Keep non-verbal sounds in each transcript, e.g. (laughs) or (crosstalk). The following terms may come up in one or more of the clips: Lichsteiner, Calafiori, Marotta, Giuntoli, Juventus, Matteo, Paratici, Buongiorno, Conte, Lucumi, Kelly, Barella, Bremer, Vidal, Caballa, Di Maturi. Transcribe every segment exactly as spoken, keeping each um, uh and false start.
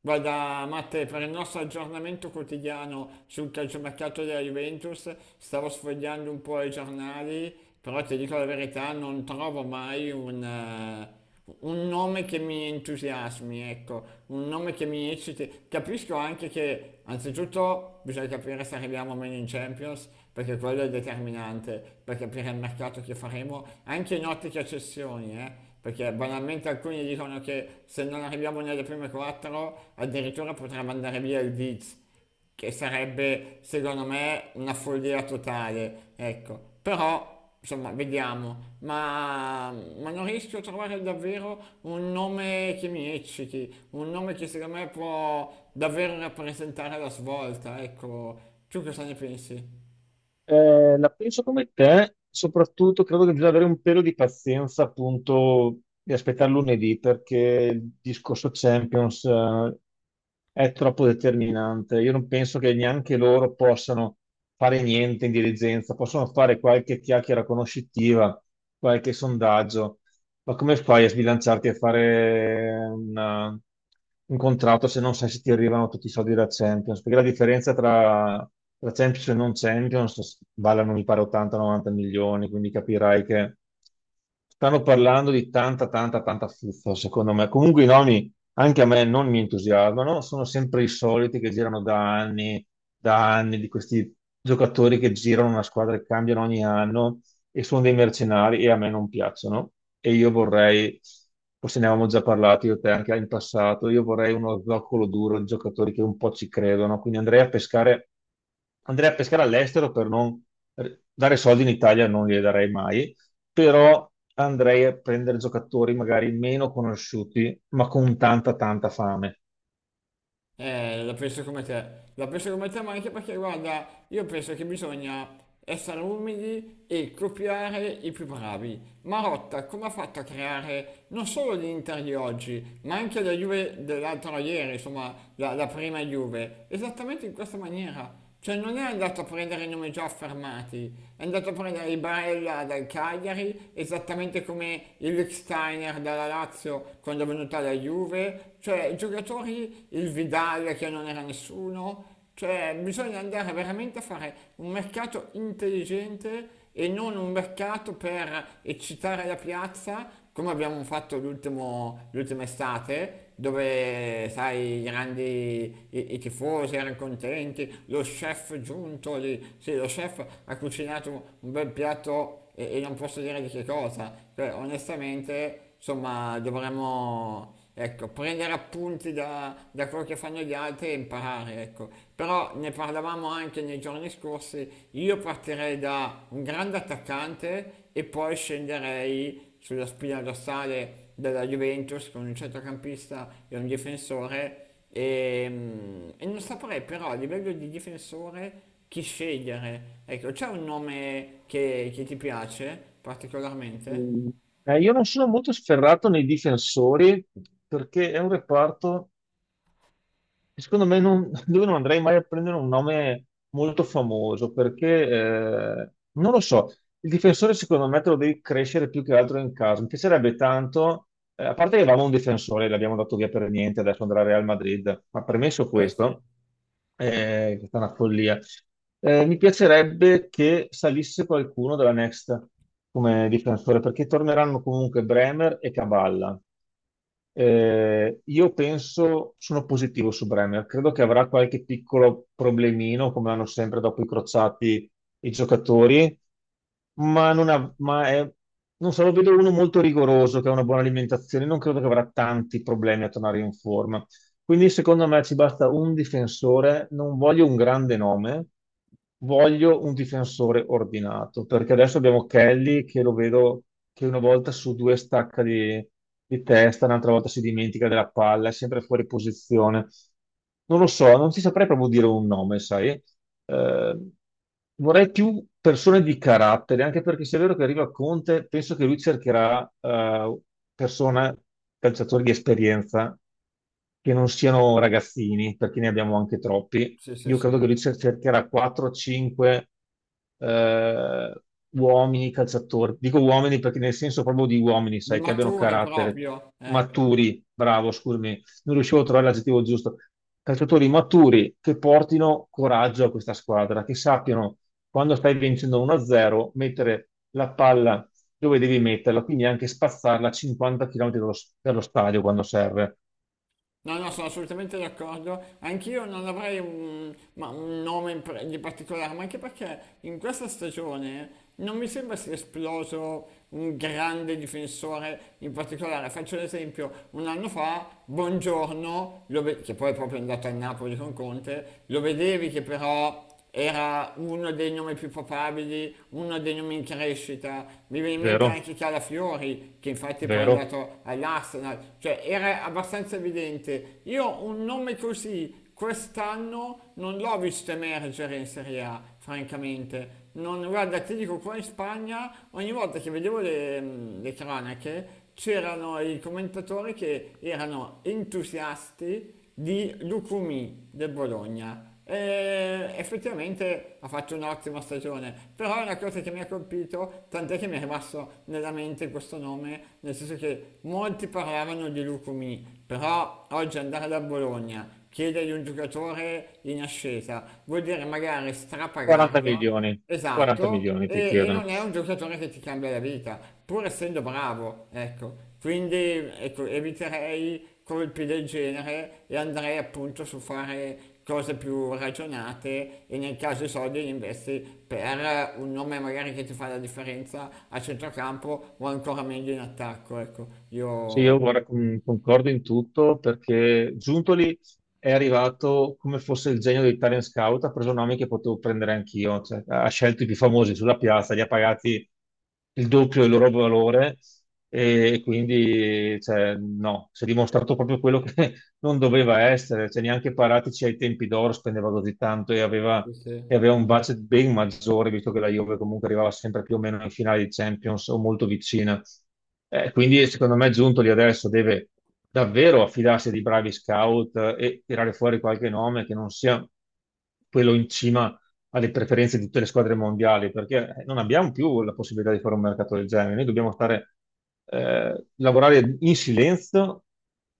Guarda, Matte, per il nostro aggiornamento quotidiano sul calciomercato della Juventus, stavo sfogliando un po' i giornali, però ti dico la verità, non trovo mai un, eh, un nome che mi entusiasmi, ecco, un nome che mi ecciti. Capisco anche che, anzitutto, bisogna capire se arriviamo o meno in Champions, perché quello è determinante per capire il mercato che faremo, anche in ottica cessioni, eh. Perché banalmente alcuni dicono che se non arriviamo nelle prime quattro addirittura potrebbe andare via il Viz, che sarebbe secondo me una follia totale, ecco. Però, insomma, vediamo. Ma, ma non riesco a trovare davvero un nome che mi ecciti, un nome che secondo me può davvero rappresentare la svolta, ecco. Tu cosa ne pensi? Eh, la penso come te, soprattutto credo che bisogna avere un pelo di pazienza, appunto, di aspettare lunedì perché il discorso Champions, eh, è troppo determinante. Io non penso che neanche loro possano fare niente in dirigenza, possono fare qualche chiacchiera conoscitiva, qualche sondaggio, ma come fai a sbilanciarti a fare una- un contratto se non sai se ti arrivano tutti i soldi della Champions? Perché la differenza tra, tra Champions e non Champions valano, mi pare, ottanta a novanta milioni, quindi capirai che stanno parlando di tanta, tanta, tanta fuffa, secondo me. Comunque i nomi, anche a me, non mi entusiasmano, sono sempre i soliti che girano da anni, da anni, di questi giocatori che girano una squadra e cambiano ogni anno e sono dei mercenari e a me non piacciono. E io vorrei, forse ne avevamo già parlato io e te anche in passato, io vorrei uno zoccolo duro di giocatori che un po' ci credono. Quindi andrei a pescare, andrei a pescare all'estero per non dare soldi in Italia, non li darei mai, però andrei a prendere giocatori magari meno conosciuti, ma con tanta, tanta fame. Eh, la penso come te, la penso come te, ma anche perché, guarda, io penso che bisogna essere umili e copiare i più bravi. Marotta, come ha fatto a creare non solo l'Inter di oggi, ma anche la Juve dell'altro ieri, insomma, la, la prima Juve, esattamente in questa maniera. Cioè non è andato a prendere i nomi già affermati, è andato a prendere i Barella dal Cagliari, esattamente come il Lichsteiner dalla Lazio quando è venuta la Juve, cioè giocatori, il Vidal che non era nessuno, cioè bisogna andare veramente a fare un mercato intelligente e non un mercato per eccitare la piazza, come abbiamo fatto l'ultimo- l'ultima estate, dove, sai, i grandi, i, i tifosi erano contenti, lo chef giunto lì, sì, lo chef ha cucinato un bel piatto e, e non posso dire di che cosa, cioè, onestamente, insomma, dovremmo... Ecco, prendere appunti da, da quello che fanno gli altri e imparare, ecco. Però ne parlavamo anche nei giorni scorsi, io partirei da un grande attaccante e poi scenderei sulla spina dorsale della Juventus con un centrocampista e un difensore e, mm, e non saprei però a livello di difensore chi scegliere. Ecco, c'è un nome che, che ti piace particolarmente? Mm. Eh, io non sono molto sferrato nei difensori perché è un reparto Secondo me non, (laughs) Dove non andrei mai a prendere un nome molto famoso perché eh, non lo so, il difensore secondo me te lo devi crescere più che altro in casa. Mi piacerebbe tanto, eh, a parte che avevamo un difensore, l'abbiamo dato via per niente, adesso andrà al Real Madrid, ma premesso Eh sì, questo, eh, è stata una follia. Eh, mi piacerebbe che salisse qualcuno della Next come difensore, perché torneranno comunque Bremer e Caballa. Eh, io penso, sono positivo su Bremer, credo che avrà qualche piccolo problemino, come hanno sempre dopo i crociati i giocatori, ma, non, ha- ma è, non so, lo vedo uno molto rigoroso, che ha una buona alimentazione, non credo che avrà tanti problemi a tornare in forma. Quindi secondo me ci basta un difensore, non voglio un grande nome, voglio un difensore ordinato, perché adesso abbiamo Kelly che lo vedo che una volta su due stacca di, di testa, un'altra volta si dimentica della palla, è sempre fuori posizione. Non lo so, non ti saprei proprio dire un nome, sai? Eh, Vorrei più persone di carattere, anche perché se è vero che arriva Conte, penso che lui cercherà eh, persone, calciatori di esperienza che non siano ragazzini, perché ne abbiamo anche troppi. sì, sì, Io credo sì. che lui cer- cercherà quattro o cinque eh, uomini calciatori. Dico uomini perché nel senso proprio di uomini, Di sai, che abbiano Maturi carattere, proprio, ecco. maturi, bravo, scusami, non riuscivo a trovare l'aggettivo giusto. Calciatori maturi che portino coraggio a questa squadra, che sappiano quando stai vincendo uno a zero mettere la palla dove devi metterla, quindi anche spazzarla a cinquanta chilometri dallo dallo stadio quando serve. No, no, sono assolutamente d'accordo. Anch'io non avrei un, ma un nome in pre- di particolare, ma anche perché in questa stagione non mi sembra sia esploso un grande difensore in particolare. Faccio un esempio, un anno fa, Buongiorno, lo ve- che poi è proprio andato a Napoli con Conte, lo vedevi che però era uno dei nomi più papabili, uno dei nomi in crescita, mi viene in mente Vero, anche Calafiori, che infatti poi è vero. andato all'Arsenal, cioè era abbastanza evidente. Io un nome così quest'anno non l'ho visto emergere in Serie A, francamente. Non, guarda, ti dico, qua in Spagna ogni volta che vedevo le, le cronache c'erano i commentatori che erano entusiasti di Lucumi del Bologna e effettivamente ha fatto un'ottima stagione, però è una cosa che mi ha colpito, tant'è che mi è rimasto nella mente questo nome, nel senso che molti parlavano di Lucumi, però oggi andare da Bologna, chiedergli un giocatore in ascesa, vuol dire magari quaranta strapagarlo. milioni, quaranta Esatto, milioni ti e, e chiedono. non è un giocatore che ti cambia la vita, pur essendo bravo, ecco. Quindi ecco, eviterei colpi del genere e andrei appunto su fare cose più ragionate e nel caso i soldi li investi per un nome magari che ti fa la differenza a centrocampo o ancora meglio in attacco, ecco. Sì, io Io... guarda, con- concordo in tutto perché Giuntoli è arrivato come fosse il genio dei talent scout, ha preso nomi che potevo prendere anch'io, cioè, ha scelto i più famosi sulla piazza, li ha pagati il doppio del loro valore e quindi cioè, no, si è dimostrato proprio quello che (laughs) non doveva essere, cioè, neanche Paratici ai tempi d'oro spendeva così tanto e aveva Sì, sì. e aveva un budget ben maggiore, visto che la Juve comunque arrivava sempre più o meno in finale di Champions o molto vicina. Eh, quindi secondo me Giuntoli adesso deve davvero affidarsi a dei bravi scout eh, e tirare fuori qualche nome che non sia quello in cima alle preferenze di tutte le squadre mondiali, perché eh, non abbiamo più la possibilità di fare un mercato del genere. Noi dobbiamo stare, eh, lavorare in silenzio,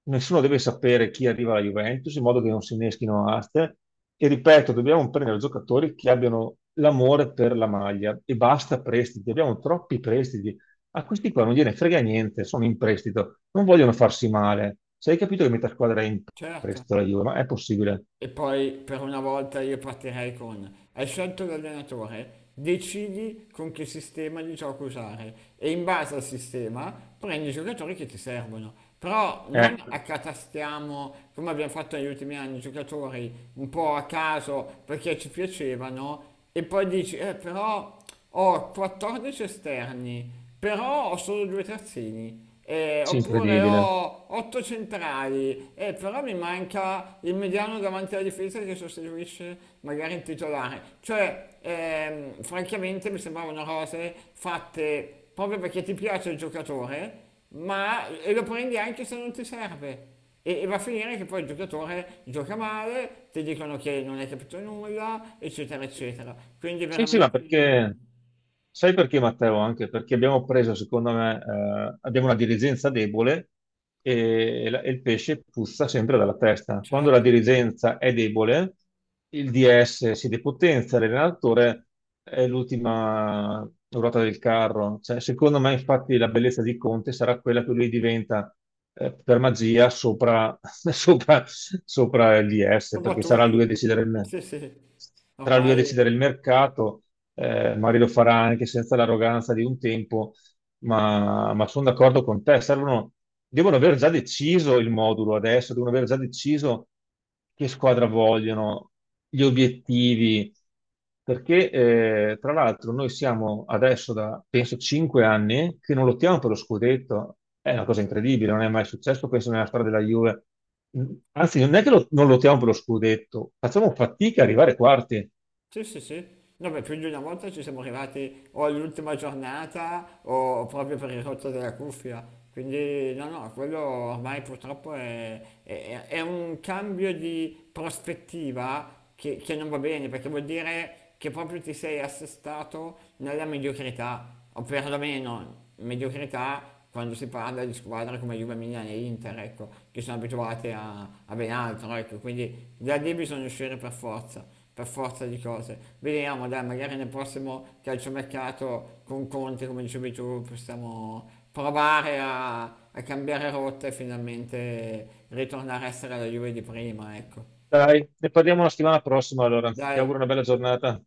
nessuno deve sapere chi arriva alla Juventus, in modo che non si inneschino aste. E ripeto, dobbiamo prendere giocatori che abbiano l'amore per la maglia e basta prestiti, abbiamo troppi prestiti. A questi qua non gliene frega niente, sono in prestito, non vogliono farsi male. Se hai capito che metà squadra è in Certo. prestito la Juve, ma è possibile? E poi per una volta io partirei con, hai scelto l'allenatore, decidi con che sistema di gioco usare e in base al sistema prendi i giocatori che ti servono. Però non È accatastiamo, come abbiamo fatto negli ultimi anni, giocatori un po' a caso perché ci piacevano e poi dici, eh però ho quattordici esterni, però ho solo due terzini. Eh, oppure incredibile. ho otto centrali, eh, però mi manca il mediano davanti alla difesa che sostituisce magari il titolare. Cioè, ehm, francamente mi sembravano cose fatte proprio perché ti piace il giocatore, ma e lo prendi anche se non ti serve. E, e va a finire che poi il giocatore gioca male, ti dicono che non hai capito nulla, eccetera, eccetera. Quindi Sì, sì, ma veramente. perché, sai perché Matteo? Anche perché abbiamo preso, secondo me, eh, abbiamo una dirigenza debole e, la- e il pesce puzza sempre dalla testa. Quando la Certo, dirigenza è debole, il D S si depotenzia, l'allenatore è l'ultima ruota del carro. Cioè, secondo me, infatti, la bellezza di Conte sarà quella che lui diventa, eh, per magia sopra, (laughs) sopra, sopra il D S, un po' perché sarà lui tutti, a decidere il me sì sì, sarà lui a decidere ormai il mercato, eh, magari lo farà anche senza l'arroganza di un tempo, ma, ma sono d'accordo con te, servono, devono aver già deciso il modulo adesso, devono aver già deciso che squadra vogliono, gli obiettivi, perché eh, tra l'altro noi siamo adesso da, penso, cinque anni che non lottiamo per lo scudetto, è una cosa incredibile, non è mai successo, penso, nella storia della Juve. Anzi, non è che lo- non lottiamo per lo scudetto, facciamo fatica a arrivare quarti. sì sì sì, no beh, più di una volta ci siamo arrivati o all'ultima giornata o proprio per il rotto della cuffia, quindi no no, quello ormai purtroppo è, è- è un cambio di prospettiva che, che non va bene perché vuol dire che proprio ti sei assestato nella mediocrità, o perlomeno mediocrità quando si parla di squadre come Juve, Milan e Inter, ecco, che sono abituate a, a ben altro, ecco, quindi da lì bisogna uscire per forza, per forza di cose. Vediamo, dai, magari nel prossimo calciomercato con Conte, come dicevi tu, possiamo provare a, a cambiare rotta e finalmente ritornare a essere la Juve di prima, ecco. Dai, ne parliamo la settimana prossima allora. Ti Dai, auguro una bella giornata.